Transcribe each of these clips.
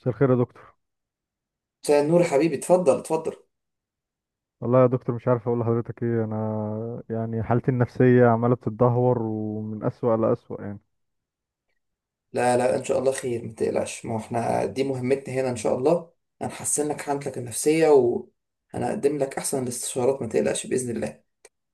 مساء الخير يا دكتور. مساء النور يا حبيبي، اتفضل اتفضل. والله يا دكتور مش عارف اقول لحضرتك ايه، انا يعني حالتي النفسيه عماله بتتدهور ومن اسوأ لاسوأ يعني. لا لا، ان شاء الله خير، ما تقلقش. ما هو احنا دي مهمتنا هنا ان شاء الله. هنحسن لك حالتك النفسية وهنقدم لك احسن الاستشارات، ما تقلقش باذن الله.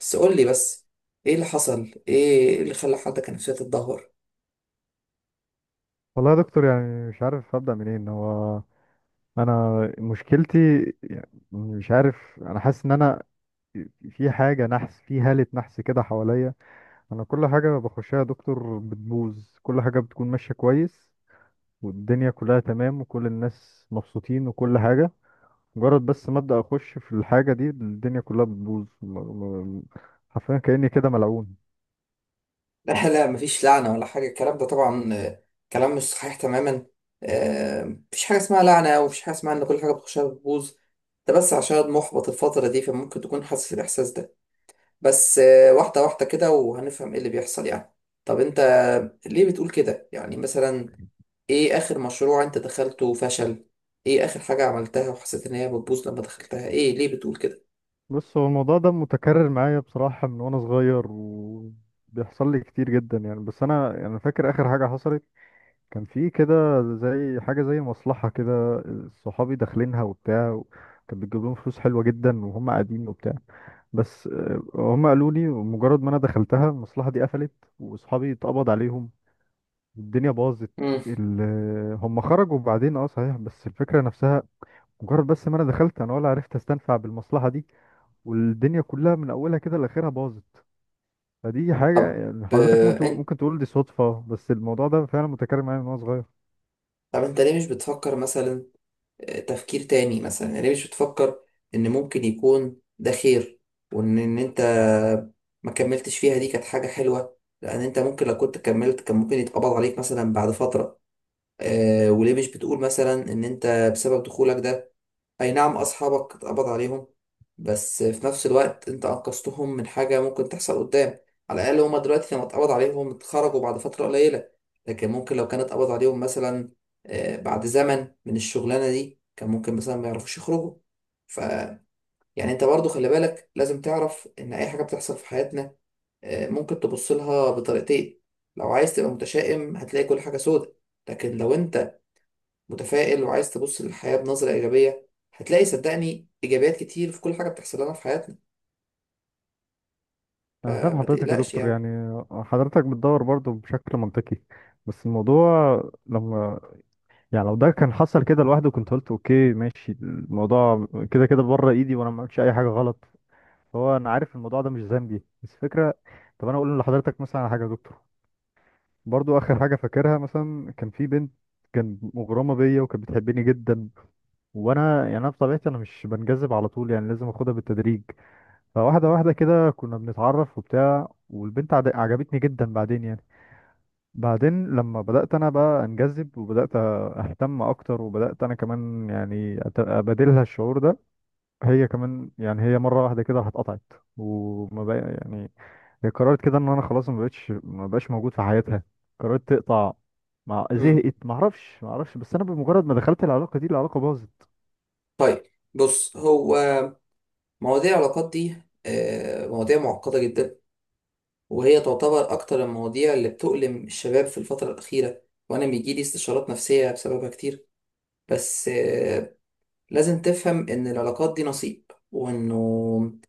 بس قول لي بس ايه اللي حصل. ايه اللي خلى حالتك النفسية تتدهور؟ والله يا دكتور يعني مش عارف ابدا منين هو. انا مشكلتي، يعني مش عارف، انا حاسس ان انا في حاجه نحس، في هاله نحس كده حواليا. انا كل حاجه بخشها يا دكتور بتبوظ، كل حاجه بتكون ماشيه كويس والدنيا كلها تمام وكل الناس مبسوطين وكل حاجه، مجرد بس ما ابدا اخش في الحاجه دي الدنيا كلها بتبوظ. م- حرفيا كاني كده ملعون. لا لا، مفيش لعنة ولا حاجة. الكلام ده طبعا كلام مش صحيح تماما. مفيش حاجة اسمها لعنة، ومفيش حاجة اسمها ان كل حاجة بتخشها بتبوظ. ده بس عشان محبط الفترة دي، فممكن تكون حاسس الإحساس ده. بس واحدة واحدة كده وهنفهم ايه اللي بيحصل يعني. طب انت ليه بتقول كده يعني؟ مثلا ايه اخر مشروع انت دخلته وفشل؟ ايه اخر حاجة عملتها وحسيت ان هي بتبوظ لما دخلتها؟ ايه ليه بتقول كده؟ بص، هو الموضوع ده متكرر معايا بصراحه من وانا صغير وبيحصل لي كتير جدا يعني، بس انا يعني فاكر اخر حاجه حصلت، كان في كده زي حاجه زي مصلحه كده، صحابي داخلينها وبتاع، كان بتجيب لهم فلوس حلوه جدا وهم قاعدين وبتاع. بس هم قالوا لي مجرد ما انا دخلتها المصلحه دي قفلت، واصحابي اتقبض عليهم، الدنيا باظت. مم. ال... هم خرجوا بعدين اه صحيح، بس الفكرة نفسها، مجرد بس ما انا دخلت انا ولا عرفت استنفع بالمصلحة دي، والدنيا كلها من اولها كده لاخرها باظت. فدي حاجة طب يعني حضرتك آه، ممكن انت ممكن تقول دي صدفة، بس الموضوع ده فعلا متكرر معايا من وانا صغير. انت ليه مش بتفكر مثلا تفكير تاني؟ مثلا يعني ليه مش بتفكر ان ممكن يكون ده خير، وان انت ما كملتش فيها؟ دي كانت حاجة حلوة، لان انت ممكن لو كنت كملت كان ممكن يتقبض عليك مثلا بعد فترة. وليه مش بتقول مثلا ان انت بسبب دخولك ده، اي نعم اصحابك اتقبض عليهم، بس في نفس الوقت انت انقذتهم من حاجة ممكن تحصل قدام؟ على الاقل هما دلوقتي لما اتقبض عليهم اتخرجوا بعد فترة قليلة، لكن ممكن لو كان اتقبض عليهم مثلا بعد زمن من الشغلانة دي كان ممكن مثلا ما يعرفوش يخرجوا. ف يعني انت برضو خلي بالك، لازم تعرف ان اي حاجة بتحصل في حياتنا ممكن تبص لها بطريقتين. لو عايز تبقى متشائم هتلاقي كل حاجة سودة، لكن لو انت متفائل وعايز تبص للحياة بنظرة إيجابية هتلاقي صدقني إيجابيات كتير في كل حاجة بتحصل لنا في حياتنا. انا فاهم فما حضرتك يا تقلقش دكتور، يعني. يعني حضرتك بتدور برضه بشكل منطقي. بس الموضوع لما، يعني لو ده كان حصل كده لوحده كنت قلت اوكي ماشي، الموضوع كده كده بره ايدي وانا ما عملتش اي حاجة غلط، هو انا عارف الموضوع ده مش ذنبي، بس فكره. طب انا اقول لحضرتك مثلا على حاجه يا دكتور، برضو اخر حاجه فاكرها، مثلا كان في بنت كان مغرمه بيا وكانت بتحبني جدا، وانا يعني انا بطبيعتي انا مش بنجذب على طول، يعني لازم اخدها بالتدريج. فواحده واحده كده كنا بنتعرف وبتاع، والبنت عجبتني جدا بعدين يعني. بعدين لما بدات انا بقى انجذب وبدات اهتم اكتر وبدات انا كمان يعني ابادلها الشعور ده، هي كمان يعني، هي مره واحده كده هتقطعت وما بقى يعني، هي قررت كده ان انا خلاص ما بقتش ما بقاش موجود في حياتها، قررت تقطع، مع مم. زهقت ما اعرفش ما اعرفش، بس انا بمجرد ما دخلت العلاقه دي العلاقه باظت. طيب، بص هو مواضيع العلاقات دي مواضيع معقدة جدا، وهي تعتبر أكتر المواضيع اللي بتؤلم الشباب في الفترة الأخيرة، وأنا بيجيلي استشارات نفسية بسببها كتير. بس لازم تفهم إن العلاقات دي نصيب. وإنه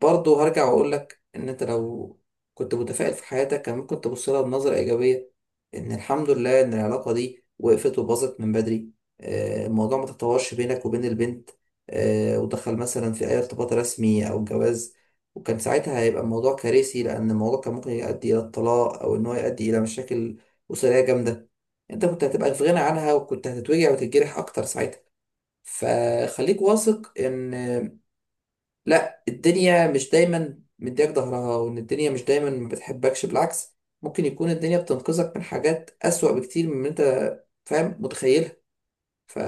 برضه هرجع واقول لك ان انت لو كنت متفائل في حياتك كان ممكن تبص لها بنظرة ايجابية. ان الحمد لله ان العلاقة دي وقفت وباظت من بدري، الموضوع ما تطورش بينك وبين البنت، ودخل مثلا في اي ارتباط رسمي او جواز. وكان ساعتها هيبقى الموضوع كارثي، لان الموضوع كان ممكن يؤدي الى الطلاق او ان هو يؤدي الى مشاكل اسرية جامدة. انت كنت هتبقى في غنى عنها، وكنت هتتوجع وتتجرح اكتر ساعتها. فخليك واثق ان لا، الدنيا مش دايما مديك ظهرها، وان الدنيا مش دايما ما بتحبكش. بالعكس، ممكن يكون الدنيا بتنقذك من حاجات اسوأ بكتير من ما انت فاهم متخيلها. ف...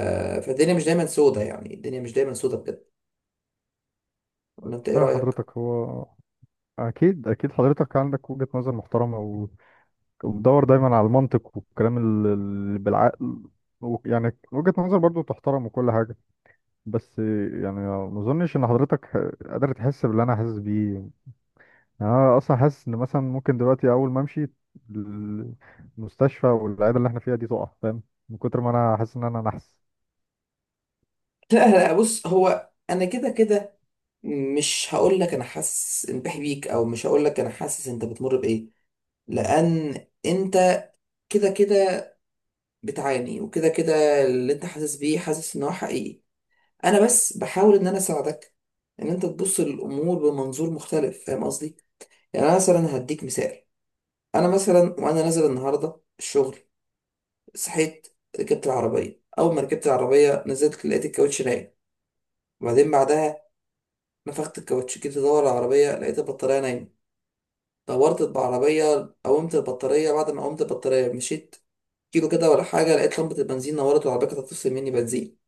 فالدنيا مش دايما سودة يعني، الدنيا مش دايما سودة بجد. ولا انت ايه فاهم رأيك؟ حضرتك، هو أكيد أكيد حضرتك عندك وجهة نظر محترمة، وبتدور دايما على المنطق والكلام بالعقل، يعني وجهة نظر برضو تحترم وكل حاجة. بس يعني ما أظنش إن حضرتك قادر تحس باللي أنا حاسس بيه. يعني انا اصلا حاسس ان مثلا ممكن دلوقتي اول ما امشي، ال- المستشفى والعياده اللي احنا فيها دي تقع، فاهم، من كتر ما انا حاسس ان انا نحس. لا لا، بص هو انا كده كده مش هقول لك انا حاسس ان بحبيك بيك، او مش هقول لك انا حاسس انت بتمر بايه، لان انت كده كده بتعاني، وكده كده اللي انت حاسس بيه حاسس ان هو حقيقي. انا بس بحاول ان انا اساعدك ان انت تبص للامور بمنظور مختلف، فاهم قصدي؟ يعني انا مثلا هديك مثال. انا مثلا وانا نازل النهارده الشغل، صحيت، ركبت العربيه، اول ما ركبت العربيه نزلت لقيت الكاوتش نايم. وبعدين بعدها نفخت الكاوتش، جيت ادور على العربيه لقيت البطاريه نايمه. دورت بعربيه قومت البطاريه، بعد ما قومت البطاريه مشيت كيلو كده ولا حاجه لقيت لمبه البنزين نورت والعربيه كانت هتفصل مني بنزين.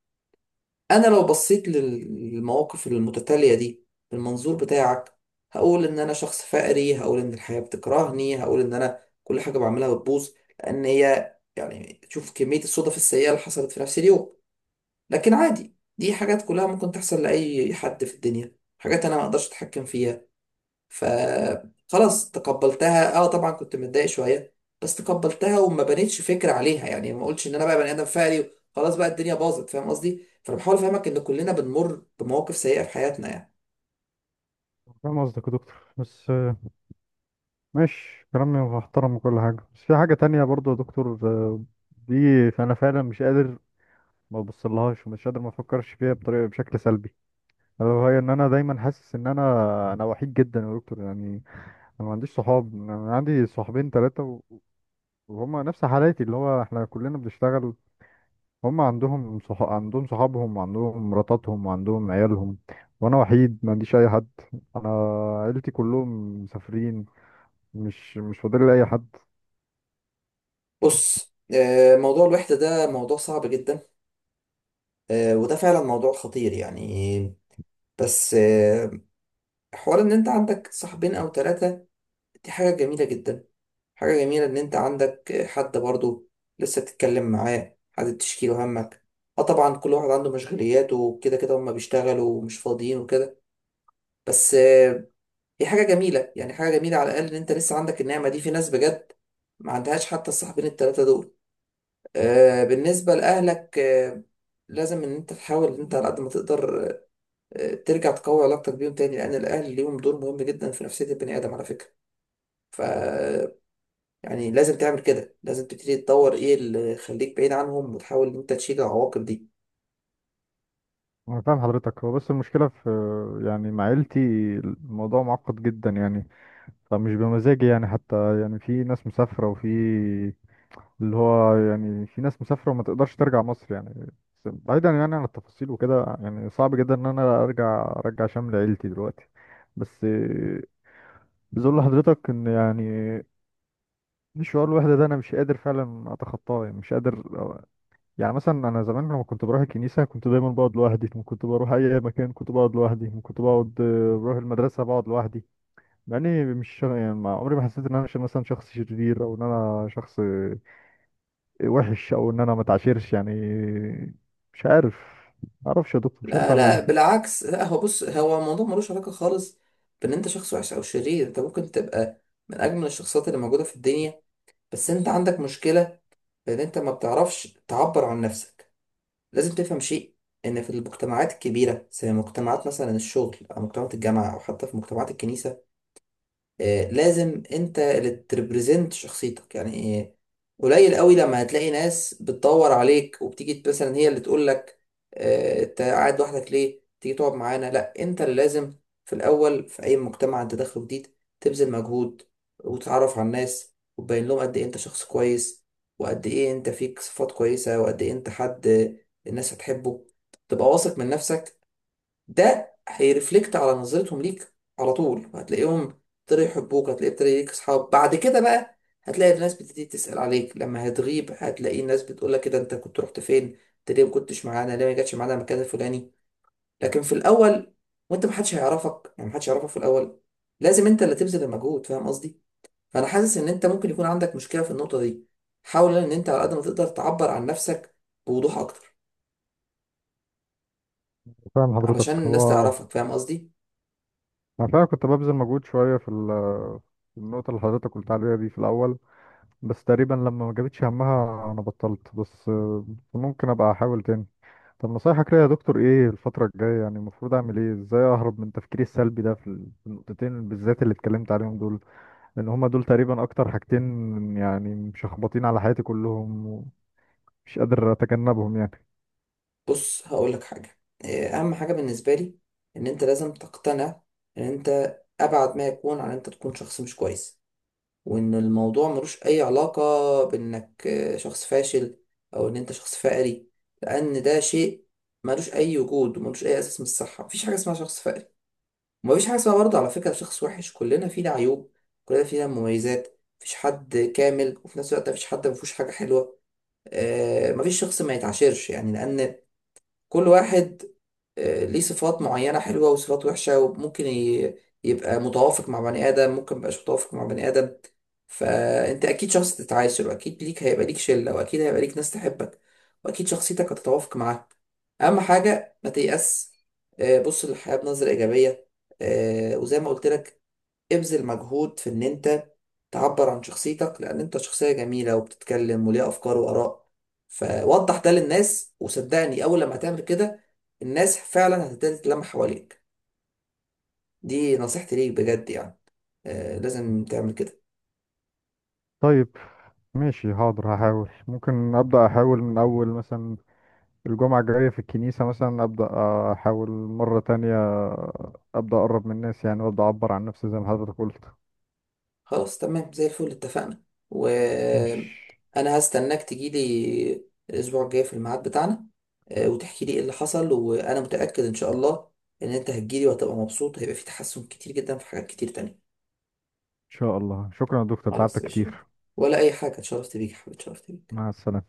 انا لو بصيت للمواقف المتتالية دي بالمنظور بتاعك هقول ان انا شخص فقري، هقول ان الحياة بتكرهني، هقول ان انا كل حاجة بعملها بتبوظ، لان هي يعني شوف كمية الصدف السيئة اللي حصلت في نفس اليوم. لكن عادي، دي حاجات كلها ممكن تحصل لأي حد في الدنيا، حاجات انا ما اقدرش اتحكم فيها. فخلاص تقبلتها، طبعا كنت متضايق شويه، بس تقبلتها وما بنيتش فكره عليها يعني. ما قلتش ان انا بقى بني ادم فقري، خلاص بقى الدنيا باظت. فاهم قصدي؟ فانا بحاول افهمك ان كلنا بنمر بمواقف سيئه في حياتنا يعني. فاهم قصدك يا دكتور، بس ماشي، كلامي محترم وكل حاجة بس في حاجة تانية برضو يا دكتور دي فأنا فعلا مش قادر ما ببصلهاش ومش قادر ما أفكرش فيها بطريقة بشكل سلبي، ألا وهي إن أنا دايما حاسس إن أنا وحيد جدا يا دكتور يعني. أنا ما عنديش صحاب، أنا عندي صحابين تلاتة وهما نفس حالاتي، اللي هو إحنا كلنا بنشتغل، هم عندهم عندهم صحابهم وعندهم مراتاتهم وعندهم عيالهم، وانا وحيد ما عنديش اي حد. انا عيلتي كلهم مسافرين، مش فاضل لي اي حد. بص موضوع الوحده ده موضوع صعب جدا، وده فعلا موضوع خطير يعني. بس حوار ان انت عندك صاحبين او ثلاثه دي حاجه جميله جدا. حاجة جميلة إن أنت عندك حد برضه لسه بتتكلم معاه، حد تشكيله همك. اه طبعا كل واحد عنده مشغوليات، وكده كده هما بيشتغلوا ومش فاضيين وكده. بس هي حاجة جميلة يعني، حاجة جميلة على الأقل إن أنت لسه عندك النعمة دي، في ناس بجد ما عندهاش حتى الصاحبين التلاتة دول. بالنسبة لأهلك، لازم إن أنت تحاول إن أنت على قد ما تقدر ترجع تقوي علاقتك بيهم تاني، لأن الأهل ليهم دور مهم جدا في نفسية البني آدم على فكرة. ف يعني لازم تعمل كده، لازم تبتدي تطور ايه اللي يخليك بعيد عنهم، وتحاول ان انت تشيل العواقب دي. انا فاهم حضرتك، هو بس المشكله في، يعني مع عيلتي الموضوع معقد جدا يعني، فمش بمزاجي يعني، حتى يعني في ناس مسافره وفي، اللي هو يعني في ناس مسافره وما تقدرش ترجع مصر يعني، بس بعيدا يعني عن التفاصيل وكده، يعني صعب جدا ان انا ارجع شمل عيلتي دلوقتي. بس عايز اقول لحضرتك ان يعني، شعور الوحده ده انا مش قادر فعلا اتخطاه يعني، مش قادر. يعني مثلا انا زمان لما كنت بروح الكنيسه كنت دايما بقعد لوحدي، كنت بروح اي مكان كنت بقعد لوحدي، كنت بقعد بروح المدرسه بقعد لوحدي، مع اني مش يعني ما عمري ما حسيت ان انا مثلا شخص شرير، او ان انا شخص وحش، او ان انا ما اتعاشرش يعني. مش عارف، معرفش يا دكتور مش عارف لا اعمل لا، ايه. بالعكس. لا هو بص، هو الموضوع ملوش علاقة خالص بان انت شخص وحش او شرير. انت ممكن تبقى من اجمل الشخصيات اللي موجودة في الدنيا، بس انت عندك مشكلة بان انت ما بتعرفش تعبر عن نفسك. لازم تفهم شيء، ان في المجتمعات الكبيرة زي مجتمعات مثلا الشغل، او مجتمعات الجامعة، او حتى في مجتمعات الكنيسة، لازم انت اللي تريبريزنت شخصيتك يعني. قليل قوي لما هتلاقي ناس بتدور عليك وبتيجي مثلا هي اللي تقول لك انت قاعد لوحدك ليه، تيجي تقعد معانا. لا، انت اللي لازم في الاول، في اي مجتمع انت داخله جديد، تبذل مجهود وتتعرف على الناس وتبين لهم قد ايه انت شخص كويس، وقد ايه انت فيك صفات كويسة، وقد ايه انت حد الناس هتحبه. تبقى واثق من نفسك، ده هيرفلكت على نظرتهم ليك على طول. هتلاقيهم ابتدوا يحبوك، هتلاقي ابتدى ليك اصحاب بعد كده بقى، هتلاقي الناس بتبتدي تسأل عليك لما هتغيب، هتلاقي الناس بتقول لك كده انت كنت رحت فين، انت ليه ما كنتش معانا، ليه ما جاتش معانا المكان الفلاني. لكن في الاول وانت محدش هيعرفك، يعني محدش هيعرفك في الاول، لازم انت اللي تبذل المجهود، فاهم قصدي؟ فانا حاسس ان انت ممكن يكون عندك مشكلة في النقطة دي. حاول ان انت على قد ما تقدر تعبر عن نفسك بوضوح اكتر فاهم علشان حضرتك، الناس هو تعرفك، فاهم قصدي؟ انا فعلا كنت ببذل مجهود شويه في في النقطه اللي حضرتك قلت عليها دي في الاول، بس تقريبا لما ما جابتش همها انا بطلت. بس ممكن ابقى احاول تاني. طب نصايحك ليا يا دكتور ايه الفترة الجاية؟ يعني المفروض اعمل ايه؟ ازاي اهرب من تفكيري السلبي ده في في النقطتين بالذات اللي اتكلمت عليهم دول؟ لان هما دول تقريبا اكتر حاجتين يعني مشخبطين على حياتي كلهم، ومش قادر اتجنبهم يعني. بص هقول لك حاجة، أهم حاجة بالنسبة لي إن أنت لازم تقتنع إن أنت أبعد ما يكون عن أنت تكون شخص مش كويس، وإن الموضوع ملوش أي علاقة بإنك شخص فاشل، أو إن أنت شخص فقري. لأن ده شيء ملوش أي وجود وملوش أي أساس من الصحة. مفيش حاجة اسمها شخص فقري، ومفيش حاجة اسمها برضه على فكرة شخص وحش. كلنا فينا عيوب، كلنا فينا مميزات. مفيش حد كامل، وفي نفس الوقت مفيش حد مفيهوش حاجة حلوة. مفيش شخص ما يتعاشرش يعني، لأن كل واحد ليه صفات معينة حلوة وصفات وحشة، وممكن يبقى متوافق مع بني آدم، ممكن ميبقاش متوافق مع بني آدم. فأنت أكيد شخص تتعاشر، وأكيد ليك هيبقى ليك شلة، وأكيد هيبقى ليك ناس تحبك، وأكيد شخصيتك هتتوافق معاها. أهم حاجة ما تيأس، بص للحياة بنظرة إيجابية. وزي ما قلت لك، ابذل مجهود في ان انت تعبر عن شخصيتك، لان انت شخصية جميلة وبتتكلم وليها افكار واراء. فوضح ده للناس، وصدقني اول لما هتعمل كده الناس فعلا هتبتدي تتلم حواليك. دي نصيحتي ليك بجد يعني، لازم تعمل كده. طيب، ماشي، حاضر، هحاول. ممكن ابدا احاول من اول مثلا الجمعة الجاية في الكنيسة مثلا، أبدأ أحاول مرة تانية، أبدأ أقرب من الناس يعني، وأبدأ أعبر عن نفسي زي ما حضرتك قلت. خلاص تمام، زي الفل، اتفقنا. مش، وانا هستناك تجيلي الاسبوع الجاي في الميعاد بتاعنا، وتحكي لي ايه اللي حصل. وانا متأكد ان شاء الله ان انت هتجيلي وهتبقى مبسوط، هيبقى في تحسن كتير جدا في حاجات كتير تانية. إن شاء الله. شكرا يا دكتور، خلاص تعبتك ماشي، كتير. ولا أي حاجة، اتشرفت بيك يا حبيبي، اتشرفت بيك. مع السلامة.